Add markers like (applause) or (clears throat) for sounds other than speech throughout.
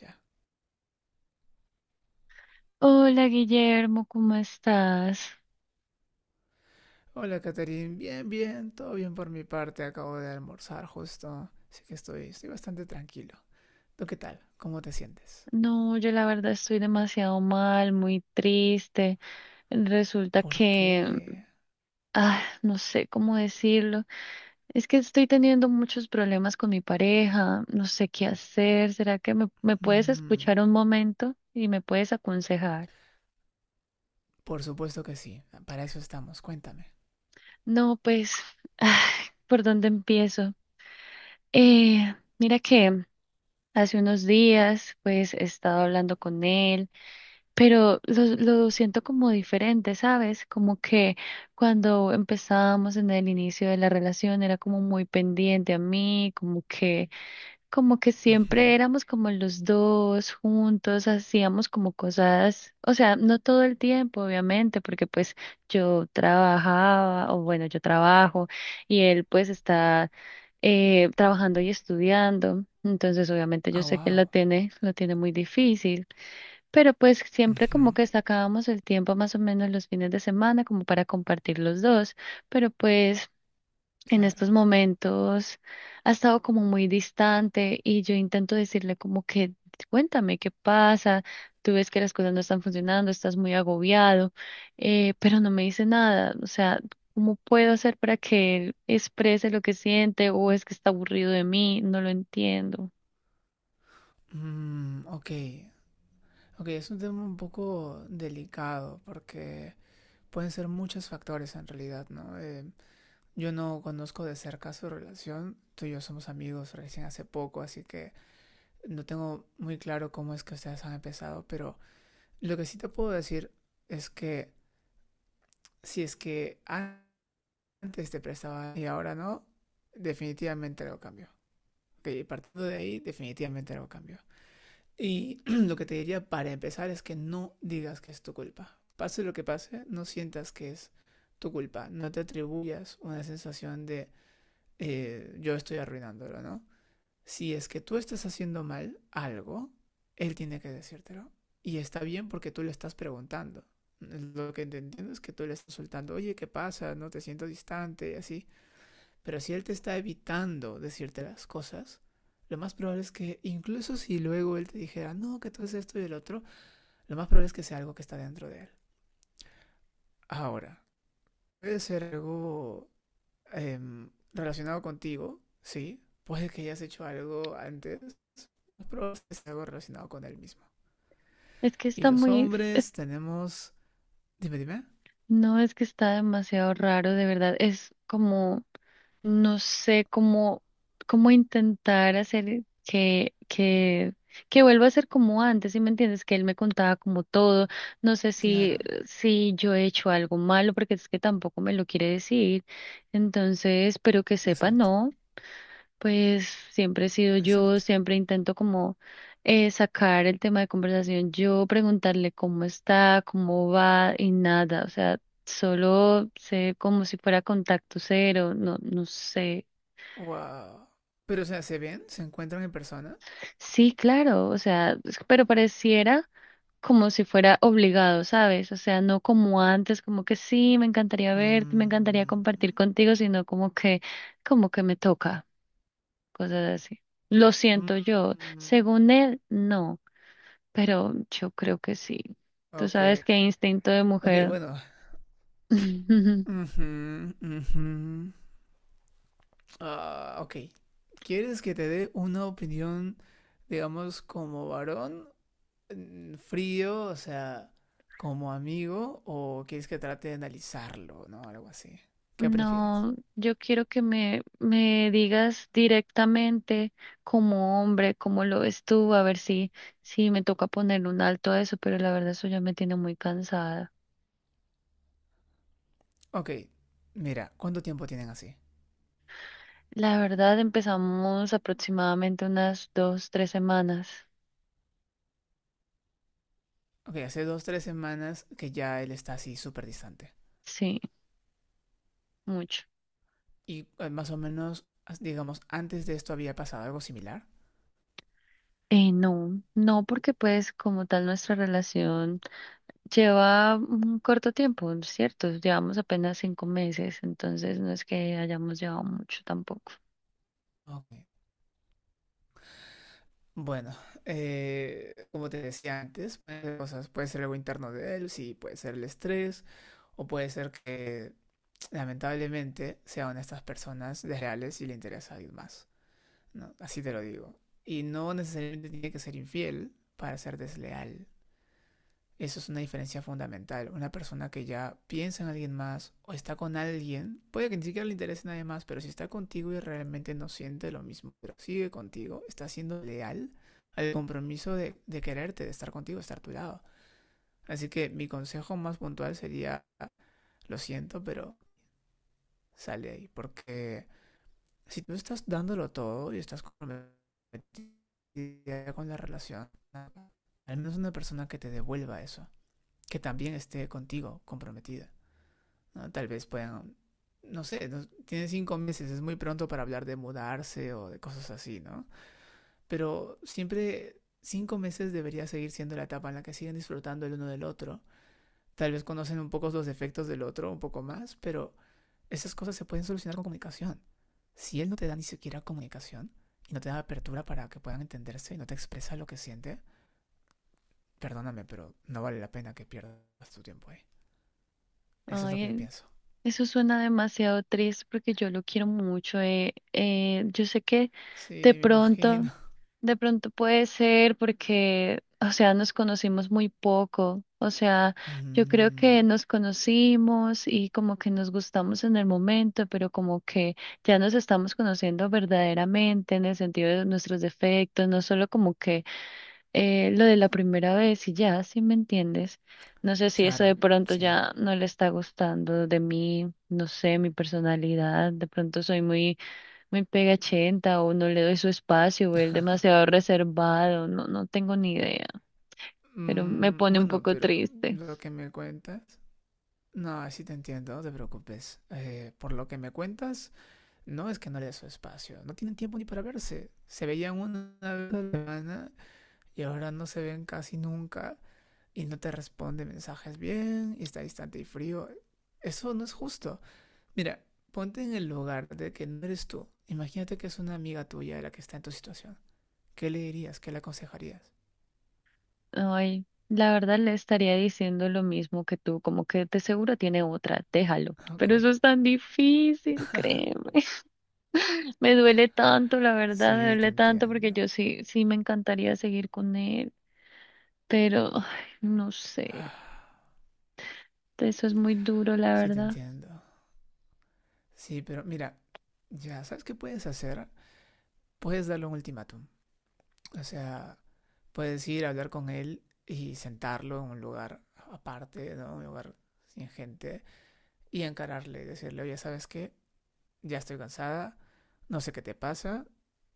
Ya. Hola Guillermo, ¿cómo estás? Hola, Catherine. Bien, bien. Todo bien por mi parte. Acabo de almorzar justo. Así que estoy bastante tranquilo. ¿Tú qué tal? ¿Cómo te sientes? No, yo la verdad estoy demasiado mal, muy triste. Resulta ¿Por que, qué? No sé cómo decirlo. Es que estoy teniendo muchos problemas con mi pareja, no sé qué hacer. ¿Será que me puedes Mm. escuchar un momento y me puedes aconsejar? Por supuesto que sí. Para eso estamos. Cuéntame. No, pues, (sighs) ah, ¿por dónde empiezo? Mira que hace unos días, pues, he estado hablando con él. Pero lo siento como diferente, ¿sabes? Como que cuando empezábamos en el inicio de la relación era como muy pendiente a mí, como que siempre Ujú. éramos como los dos juntos, hacíamos como cosas, o sea, no todo el tiempo, obviamente, porque pues yo trabajaba, o bueno, yo trabajo y él pues está trabajando y estudiando, entonces obviamente yo Ah, sé que wow. Lo tiene muy difícil. Pero pues siempre como Ujú. que sacábamos el tiempo más o menos los fines de semana como para compartir los dos, pero pues en estos Claro. momentos ha estado como muy distante y yo intento decirle como que cuéntame qué pasa, tú ves que las cosas no están funcionando, estás muy agobiado, pero no me dice nada, o sea, ¿cómo puedo hacer para que él exprese lo que siente o es que está aburrido de mí? No lo entiendo. Mm, ok. Ok, es un tema un poco delicado porque pueden ser muchos factores en realidad, ¿no? Yo no conozco de cerca su relación. Tú y yo somos amigos recién hace poco, así que no tengo muy claro cómo es que ustedes han empezado, pero lo que sí te puedo decir es que, si es que antes te prestaba y ahora no, definitivamente algo cambió. Ok, partiendo de ahí, definitivamente algo cambió. Y (clears throat) lo que te diría para empezar es que no digas que es tu culpa. Pase lo que pase, no sientas que es tu culpa. No te atribuyas una sensación de yo estoy arruinándolo, ¿no? Si es que tú estás haciendo mal algo, él tiene que decírtelo. Y está bien porque tú le estás preguntando. Mm. Lo que entiendo es que tú le estás soltando, oye, ¿qué pasa? No te siento distante, así. Pero si él te está evitando decirte las cosas, lo más probable es que, incluso si luego él te dijera, no, que tú es esto y el otro, lo más probable es que sea algo que está dentro de él. Ahora, puede ser algo eh, relacionado contigo, sí. Puede que hayas hecho algo antes, pero es que sea algo relacionado con él mismo. Es que Y está los muy hombres tenemos... Dime, dime. No, es que está demasiado raro, de verdad. Es como, no sé cómo, cómo intentar hacer que vuelva a ser como antes, ¿sí me entiendes? Que él me contaba como todo. No sé Claro, si yo he hecho algo malo, porque es que tampoco me lo quiere decir. Entonces, pero que sepa, exacto, no. Pues siempre he sido yo, exacto. siempre intento como sacar el tema de conversación, yo preguntarle cómo está, cómo va y nada, o sea, solo sé como si fuera contacto cero, no, no sé. Wow. Pero, o sea, ¿se ven? ¿Se encuentran en persona? Sí, claro, o sea, es- pero pareciera como si fuera obligado, ¿sabes? O sea, no como antes, como que sí, me encantaría verte, me encantaría Mm, compartir contigo, sino como que me toca, cosas así. Lo siento yo, mm, según él, no. Pero yo creo que sí. Tú ok. sabes que instinto de Ok, mujer. bueno. (laughs) Ujú, ujú. Ah, ok. ¿Quieres que te dé una opinión, digamos, como varón, frío, o sea, como amigo, o quieres que trate de analizarlo, ¿no? Algo así. ¿Qué prefieres? No, yo quiero que me digas directamente como hombre, cómo lo ves tú, a ver si me toca poner un alto a eso, pero la verdad eso ya me tiene muy cansada. Ok, mira, ¿cuánto tiempo tienen así? La verdad empezamos aproximadamente unas dos, tres semanas. Ok, hace dos, tres semanas que ya él está así súper distante. Sí, mucho. Y más o menos, digamos, antes de esto había pasado algo similar. No, porque pues como tal nuestra relación lleva un corto tiempo, ¿cierto? Llevamos apenas cinco meses, entonces no es que hayamos llevado mucho tampoco. Ok. Bueno, como te decía antes, pueden ser cosas, puede ser algo interno de él, sí, puede ser el estrés, o puede ser que lamentablemente sea una de estas personas desleales y le interesa a alguien más, ¿no? Así te lo digo. Y no necesariamente tiene que ser infiel para ser desleal. Eso es una diferencia fundamental. Una persona que ya piensa en alguien más o está con alguien, puede que ni siquiera le interese a nadie más, pero si está contigo y realmente no siente lo mismo, pero sigue contigo, está siendo leal al compromiso de quererte, de estar contigo, de estar a tu lado. Así que mi consejo más puntual sería, lo siento, pero sale ahí, porque si tú estás dándolo todo y estás comprometida con la relación, al menos una persona que te devuelva eso, que también esté contigo comprometida. ¿No? Tal vez puedan, no sé, tienen 5 meses, es muy pronto para hablar de mudarse o de cosas así, ¿no? Pero siempre 5 meses debería seguir siendo la etapa en la que siguen disfrutando el uno del otro. Tal vez conocen un poco los defectos del otro, un poco más, pero esas cosas se pueden solucionar con comunicación. Si él no te da ni siquiera comunicación y no te da apertura para que puedan entenderse y no te expresa lo que siente, perdóname, pero no vale la pena que pierdas tu tiempo ahí. Eso es lo que yo Ay, pienso. eso suena demasiado triste porque yo lo quiero mucho. Yo sé que de Sí, me pronto imagino. de pronto puede ser porque, o sea, nos conocimos muy poco. O sea, (laughs) yo creo que Mm. nos conocimos y como que nos gustamos en el momento, pero como que ya nos estamos conociendo verdaderamente en el sentido de nuestros defectos, no solo como que lo de la primera vez y ya, ¿si me entiendes? No sé si eso de Claro, pronto sí. ya no le está gustando de mí, no sé, mi personalidad, de pronto soy muy me pega chenta o no le doy su espacio o él demasiado reservado, no, no tengo ni idea, pero me Mm, pone un bueno, poco pero triste. lo que me cuentas... No, sí te entiendo, no te preocupes. Por lo que me cuentas, no es que no le dé su espacio. No tienen tiempo ni para verse. Se veían una vez a la semana y ahora no se ven casi nunca y no te responde mensajes bien y está distante y frío. Eso no es justo. Mira, ponte en el lugar de que no eres tú. Imagínate que es una amiga tuya la que está en tu situación. ¿Qué le dirías? ¿Qué le aconsejarías? Ay, la verdad le estaría diciendo lo mismo que tú, como que de seguro tiene otra, déjalo. Ok. Pero eso es tan difícil, (laughs) créeme. (laughs) Me duele tanto, la verdad, me Sí, te duele tanto porque entiendo. yo sí, sí me encantaría seguir con él, pero ay, no sé, Ah, eso es muy duro, la sí, te verdad. entiendo. Sí, pero mira, ya, ¿sabes qué puedes hacer? Puedes darle un ultimátum. O sea, puedes ir a hablar con él y sentarlo en un lugar aparte, ¿no? Un lugar sin gente y encararle, decirle, oye, ¿sabes qué? Ya estoy cansada, no sé qué te pasa,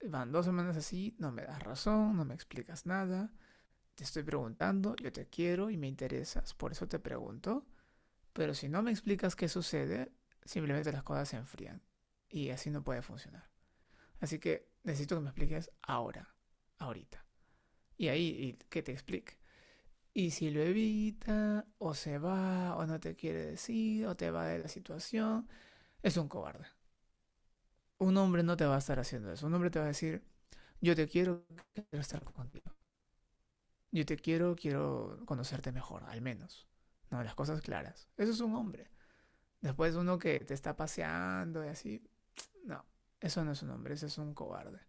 van dos semanas así, no me das razón, no me explicas nada, te estoy preguntando, yo te quiero y me interesas, por eso te pregunto. Pero si no me explicas qué sucede, simplemente las cosas se enfrían. Y así no puede funcionar. Así que necesito que me expliques ahora, ahorita. Y ahí y que te explique. Y si lo evita, o se va, o no te quiere decir, o te va de la situación, es un cobarde. Un hombre no te va a estar haciendo eso. Un hombre te va a decir, yo te quiero, quiero estar contigo. Yo te quiero, quiero conocerte mejor, al menos. No, las cosas claras. Eso es un hombre. Después uno que te está paseando y así, no, eso no es un hombre, ese es un cobarde.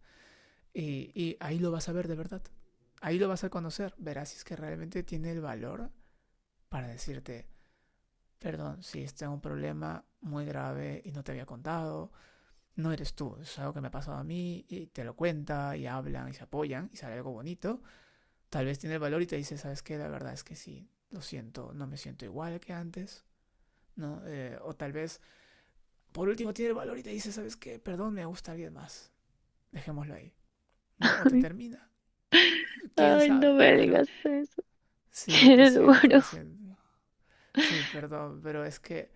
Y ahí lo vas a ver de verdad. Ahí lo vas a conocer. Verás si es que realmente tiene el valor para decirte, perdón, si está es un problema muy grave y no te había contado, no eres tú, es algo que me ha pasado a mí y te lo cuenta y hablan y se apoyan y sale algo bonito, tal vez tiene el valor y te dice, ¿sabes qué? La verdad es que sí, lo siento, no me siento igual que antes, ¿no? O tal vez, por último, tiene el valor y te dice, ¿sabes qué? Perdón, me gusta alguien más, dejémoslo ahí. ¿No? O te (laughs) termina. ¿Quién Ay, no sabe? me Pero digas eso, (laughs) sí, lo qué siento, duro. lo siento. Sí, perdón, pero es que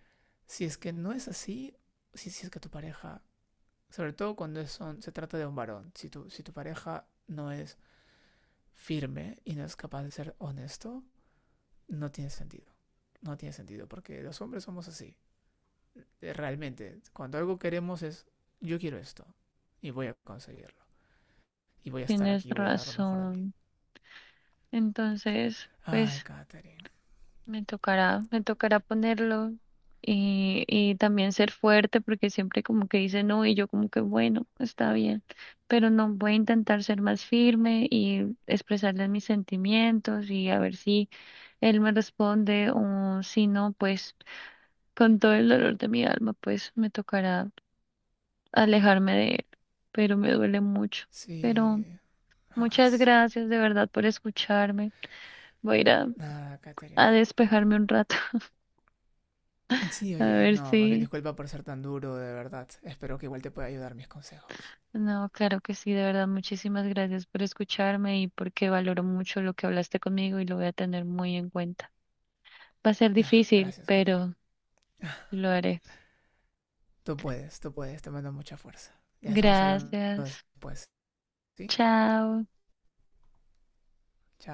si es que no es así, si es que tu pareja, sobre todo cuando es se trata de un varón, si tu, pareja no es firme y no es capaz de ser honesto, no tiene sentido. No tiene sentido, porque los hombres somos así. Realmente, cuando algo queremos es, yo quiero esto y voy a conseguirlo. Y voy a estar Tienes aquí y voy a dar lo mejor de mí. razón. Entonces, Ay, pues Katherine. Me tocará ponerlo y también ser fuerte porque siempre como que dice no y yo como que bueno, está bien, pero no voy a intentar ser más firme y expresarle mis sentimientos y a ver si él me responde o si no, pues con todo el dolor de mi alma, pues me tocará alejarme de él, pero me duele mucho. Pero Sí. Ah, muchas sí. gracias de verdad por escucharme. Voy a ir Nada, Katherine. a despejarme un rato. (laughs) Sí, A oye, ver no, más bien si... disculpa por ser tan duro, de verdad. Espero que igual te pueda ayudar mis consejos. No, claro que sí, de verdad, muchísimas gracias por escucharme y porque valoro mucho lo que hablaste conmigo y lo voy a tener muy en cuenta. Va a ser Ah, difícil, gracias, Katherine. pero Ah, lo haré. Tú puedes, te mando mucha fuerza. Ya estamos hablando Gracias. después, ¿sí? Chao. Chao.